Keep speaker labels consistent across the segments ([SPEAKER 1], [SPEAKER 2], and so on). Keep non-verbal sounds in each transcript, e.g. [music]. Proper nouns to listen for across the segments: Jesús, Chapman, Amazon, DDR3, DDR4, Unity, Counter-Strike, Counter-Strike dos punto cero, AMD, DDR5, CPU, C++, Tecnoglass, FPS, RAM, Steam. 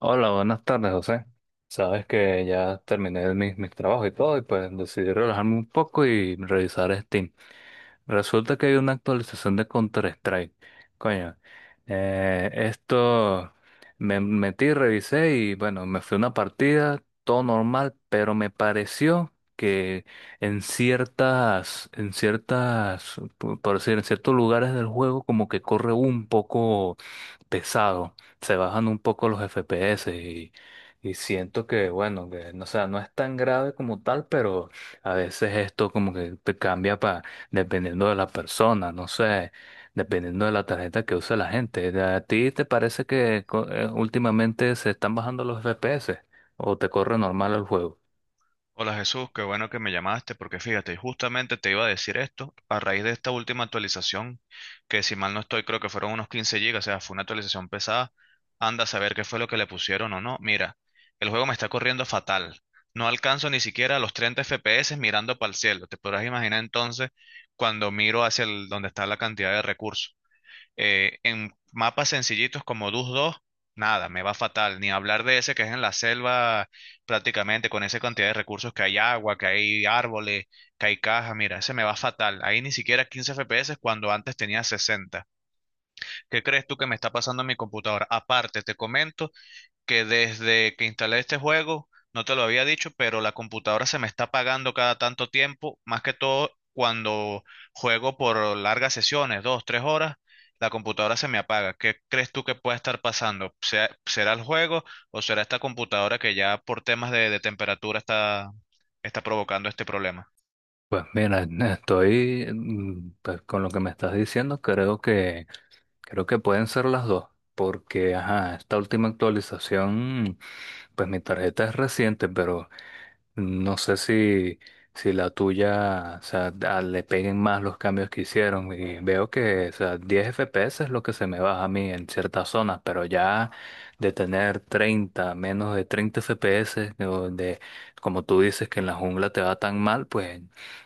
[SPEAKER 1] Hola, buenas tardes, José. Sabes que ya terminé mis trabajos y todo, y pues decidí relajarme un poco y revisar Steam. Resulta que hay una actualización de Counter-Strike. Coño, esto me metí, revisé y bueno, me fui a una partida, todo normal, pero me pareció que por decir, en ciertos lugares del juego, como que corre un poco pesado, se bajan un poco los FPS y siento que, bueno, que no, o sea, no es tan grave como tal, pero a veces esto como que te cambia para, dependiendo de la persona, no sé, dependiendo de la tarjeta que usa la gente. ¿A ti te parece que últimamente se están bajando los FPS o te corre normal el juego?
[SPEAKER 2] Hola Jesús, qué bueno que me llamaste porque fíjate, justamente te iba a decir esto a raíz de esta última actualización, que si mal no estoy creo que fueron unos 15 gigas, o sea, fue una actualización pesada, anda a saber qué fue lo que le pusieron o no. Mira, el juego me está corriendo fatal, no alcanzo ni siquiera los 30 FPS mirando para el cielo, te podrás imaginar entonces cuando miro hacia donde está la cantidad de recursos. En mapas sencillitos como Dus 2 nada, me va fatal. Ni hablar de ese que es en la selva prácticamente, con esa cantidad de recursos que hay agua, que hay árboles, que hay cajas. Mira, ese me va fatal. Ahí ni siquiera 15 FPS cuando antes tenía 60. ¿Qué crees tú que me está pasando en mi computadora? Aparte, te comento que desde que instalé este juego, no te lo había dicho, pero la computadora se me está apagando cada tanto tiempo, más que todo cuando juego por largas sesiones, dos, tres horas, la computadora se me apaga. ¿Qué crees tú que pueda estar pasando? ¿Será el juego o será esta computadora que ya por temas de temperatura está, está provocando este problema?
[SPEAKER 1] Pues mira, estoy pues, con lo que me estás diciendo, creo que pueden ser las dos, porque ajá, esta última actualización. Pues mi tarjeta es reciente, pero no sé si, si la tuya, o sea, le peguen más los cambios que hicieron. Y veo que, o sea, 10 FPS es lo que se me baja a mí en ciertas zonas, pero ya de tener treinta, menos de 30 FPS, como tú dices que en la jungla te va tan mal, pues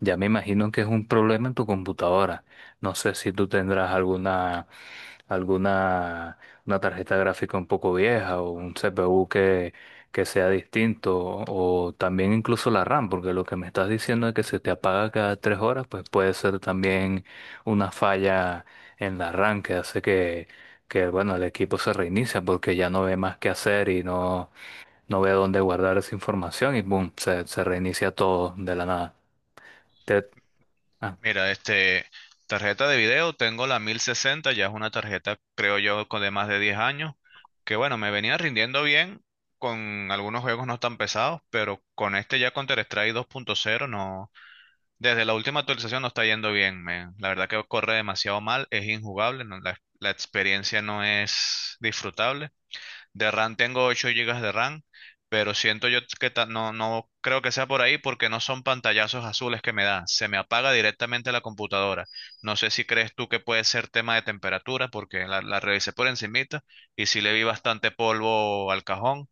[SPEAKER 1] ya me imagino que es un problema en tu computadora. No sé si tú tendrás alguna una tarjeta gráfica un poco vieja o un CPU que sea distinto o también incluso la RAM, porque lo que me estás diciendo es que se te apaga cada 3 horas, pues puede ser también una falla en la RAM que hace que bueno, el equipo se reinicia porque ya no ve más qué hacer y no, no ve dónde guardar esa información y boom, se reinicia todo de la nada. Te- ah.
[SPEAKER 2] Mira, tarjeta de video, tengo la 1060, ya es una tarjeta, creo yo, con de más de 10 años, que bueno, me venía rindiendo bien con algunos juegos no tan pesados, pero con este ya con Counter-Strike dos punto cero no, desde la última actualización no está yendo bien, men. La verdad que corre demasiado mal, es injugable, la, la experiencia no es disfrutable. De RAM tengo 8 gigas de RAM, pero siento yo que no, no creo que sea por ahí porque no son pantallazos azules que me da. Se me apaga directamente la computadora. No sé si crees tú que puede ser tema de temperatura porque la revisé por encimita y sí le vi bastante polvo al cajón.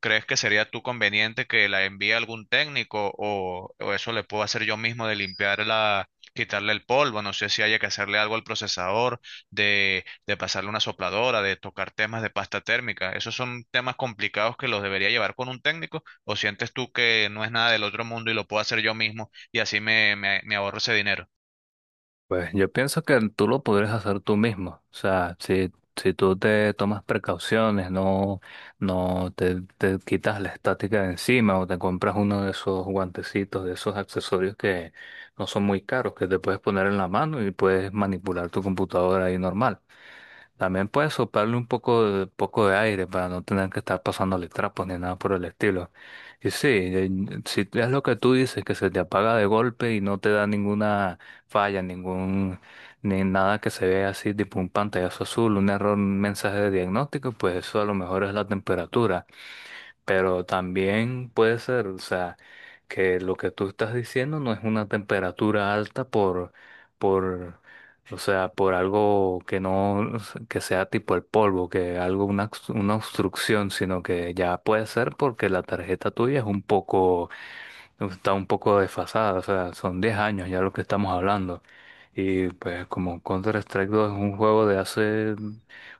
[SPEAKER 2] ¿Crees que sería tú conveniente que la envíe algún técnico o eso le puedo hacer yo mismo de limpiarla, quitarle el polvo? No sé si haya que hacerle algo al procesador, de pasarle una sopladora, de tocar temas de pasta térmica. Esos son temas complicados que los debería llevar con un técnico o sientes tú que no es nada del otro mundo y lo puedo hacer yo mismo y así me ahorro ese dinero.
[SPEAKER 1] Pues yo pienso que tú lo podrías hacer tú mismo. O sea, si tú te tomas precauciones, no, te quitas la estática de encima o te compras uno de esos guantecitos, de esos accesorios que no son muy caros, que te puedes poner en la mano y puedes manipular tu computadora ahí normal. También puedes soplarle un poco de aire para no tener que estar pasándole trapos ni nada por el estilo. Y sí, si es lo que tú dices, que se te apaga de golpe y no te da ninguna falla, ni nada que se vea así, tipo un pantallazo azul, un error, un mensaje de diagnóstico, pues eso a lo mejor es la temperatura. Pero también puede ser, o sea, que lo que tú estás diciendo no es una temperatura alta por, o sea, por algo que no, que sea tipo el polvo, que algo, una, una obstrucción, sino que ya puede ser porque la tarjeta tuya es un poco está un poco desfasada, o sea, son 10 años ya lo que estamos hablando. Y pues como Counter-Strike dos es un juego de hace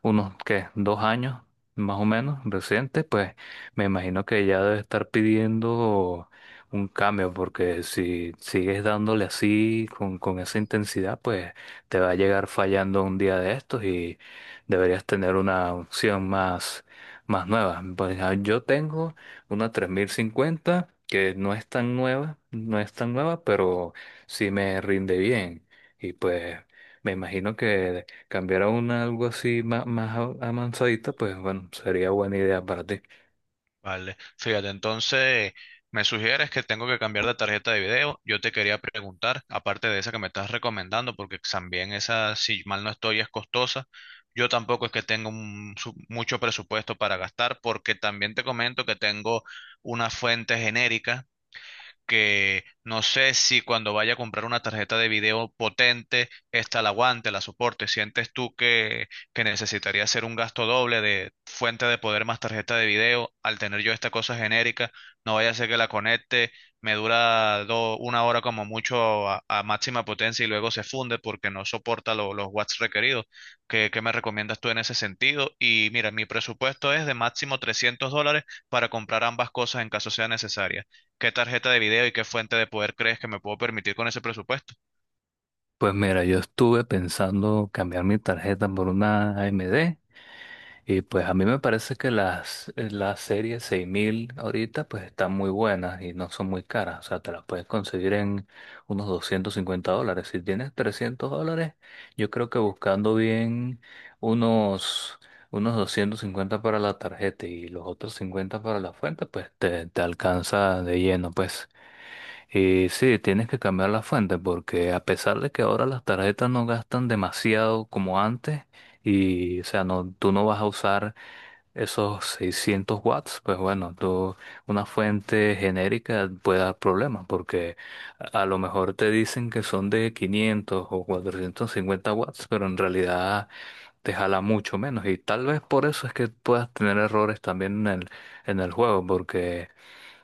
[SPEAKER 1] unos, ¿qué? Dos años, más o menos, reciente, pues me imagino que ya debe estar pidiendo un cambio, porque si sigues dándole así, con esa intensidad, pues te va a llegar fallando un día de estos y deberías tener una opción más nueva. Pues ah, yo tengo una 3050 que no es tan nueva, pero sí me rinde bien. Y pues me imagino que cambiar a una algo así más avanzadita, pues bueno, sería buena idea para ti.
[SPEAKER 2] Vale, fíjate, entonces me sugieres que tengo que cambiar de tarjeta de video. Yo te quería preguntar, aparte de esa que me estás recomendando, porque también esa, si mal no estoy, es costosa. Yo tampoco es que tengo mucho presupuesto para gastar, porque también te comento que tengo una fuente genérica que no sé si cuando vaya a comprar una tarjeta de video potente, esta la aguante, la soporte. ¿Sientes tú que necesitaría hacer un gasto doble de fuente de poder más tarjeta de video al tener yo esta cosa genérica? No vaya a ser que la conecte, me dura una hora como mucho a máxima potencia y luego se funde porque no soporta los watts requeridos. ¿Qué, qué me recomiendas tú en ese sentido? Y mira, mi presupuesto es de máximo $300 para comprar ambas cosas en caso sea necesaria. ¿Qué tarjeta de video y qué fuente de poder crees que me puedo permitir con ese presupuesto?
[SPEAKER 1] Pues mira, yo estuve pensando cambiar mi tarjeta por una AMD. Y pues a mí me parece que las series 6000 ahorita pues están muy buenas y no son muy caras. O sea, te las puedes conseguir en unos $250. Si tienes $300, yo creo que buscando bien unos, unos 250 para la tarjeta y los otros 50 para la fuente, pues te alcanza de lleno. Pues y sí, tienes que cambiar la fuente porque a pesar de que ahora las tarjetas no gastan demasiado como antes y o sea, no, tú no vas a usar esos 600 W, pues bueno, tú, una fuente genérica puede dar problemas porque a lo mejor te dicen que son de 500 o 450 W, pero en realidad te jala mucho menos y tal vez por eso es que puedas tener errores también en en el juego porque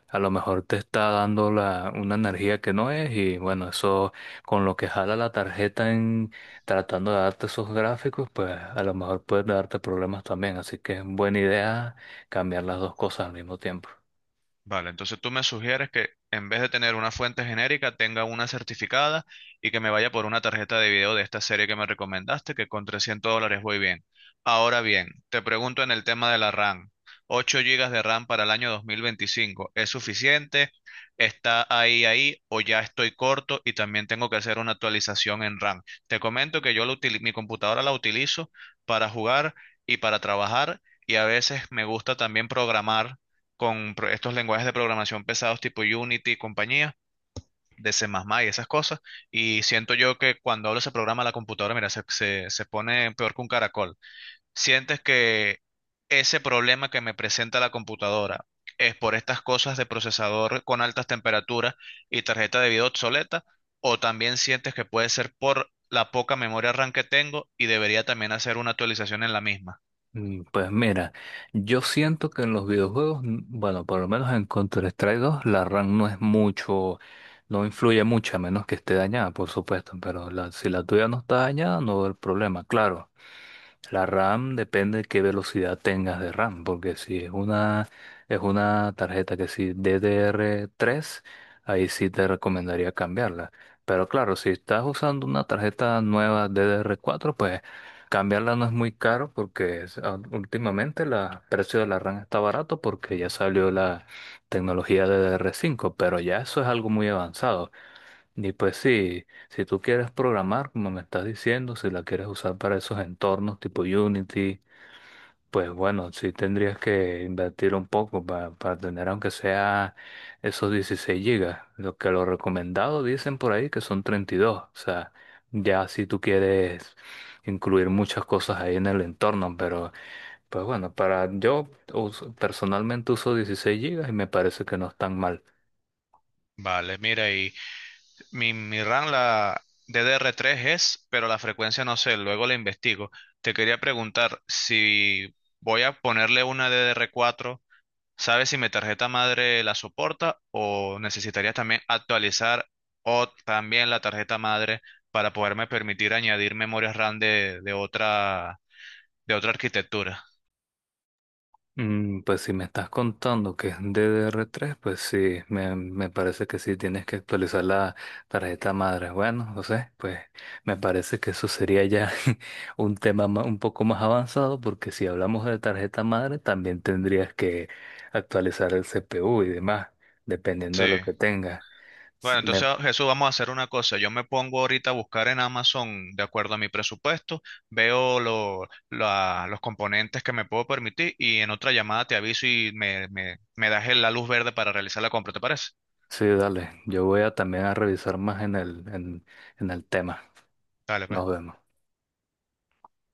[SPEAKER 1] a lo mejor te está dando una energía que no es y bueno, eso con lo que jala la tarjeta en tratando de darte esos gráficos, pues a lo mejor puede darte problemas también. Así que es buena idea cambiar las dos cosas al mismo tiempo.
[SPEAKER 2] Vale, entonces tú me sugieres que en vez de tener una fuente genérica, tenga una certificada y que me vaya por una tarjeta de video de esta serie que me recomendaste, que con $300 voy bien. Ahora bien, te pregunto en el tema de la RAM. ¿8 gigas de RAM para el año 2025 es suficiente? ¿Está ahí, ahí o ya estoy corto y también tengo que hacer una actualización en RAM? Te comento que yo mi computadora la utilizo para jugar y para trabajar y a veces me gusta también programar con estos lenguajes de programación pesados tipo Unity y compañía, de C++ y esas cosas, y siento yo que cuando hablo ese programa a la computadora, mira, se pone peor que un caracol. Sientes que ese problema que me presenta la computadora es por estas cosas de procesador con altas temperaturas y tarjeta de video obsoleta, o también sientes que puede ser por la poca memoria RAM que tengo y debería también hacer una actualización en la misma.
[SPEAKER 1] Pues mira, yo siento que en los videojuegos, bueno, por lo menos en Counter-Strike dos la RAM no es mucho, no influye mucho, a menos que esté dañada, por supuesto, pero si la tuya no está dañada, no va a problema, claro. La RAM depende de qué velocidad tengas de RAM, porque si es una, es una tarjeta que si DDR3, ahí sí te recomendaría cambiarla. Pero claro, si estás usando una tarjeta nueva DDR4, pues cambiarla no es muy caro porque últimamente el precio de la RAM está barato porque ya salió la tecnología DDR5, pero ya eso es algo muy avanzado. Y pues sí, si tú quieres programar, como me estás diciendo, si la quieres usar para esos entornos tipo Unity, pues bueno, sí tendrías que invertir un poco para tener aunque sea esos 16 gigas. Lo que lo recomendado dicen por ahí que son 32. O sea, ya si tú quieres incluir muchas cosas ahí en el entorno, pero pues bueno, para yo personalmente uso 16 gigas y me parece que no es tan mal.
[SPEAKER 2] Vale, mira, y mi RAM, la DDR3 es, pero la frecuencia no sé, luego la investigo. Te quería preguntar si voy a ponerle una DDR4, ¿sabes si mi tarjeta madre la soporta o necesitarías también actualizar o también la tarjeta madre para poderme permitir añadir memorias RAM de otra arquitectura?
[SPEAKER 1] Pues si me estás contando que es DDR3, pues sí, me parece que sí tienes que actualizar la tarjeta madre. Bueno, no sé, pues me parece que eso sería ya [laughs] un tema un poco más avanzado, porque si hablamos de tarjeta madre, también tendrías que actualizar el CPU y demás, dependiendo
[SPEAKER 2] Sí.
[SPEAKER 1] de lo que tengas. Sí,
[SPEAKER 2] Bueno, entonces
[SPEAKER 1] me-
[SPEAKER 2] Jesús, vamos a hacer una cosa. Yo me pongo ahorita a buscar en Amazon de acuerdo a mi presupuesto, veo los componentes que me puedo permitir y en otra llamada te aviso y me das la luz verde para realizar la compra, ¿te parece?
[SPEAKER 1] sí, dale, yo voy a también a revisar más en en el tema.
[SPEAKER 2] Dale, pues.
[SPEAKER 1] Nos vemos.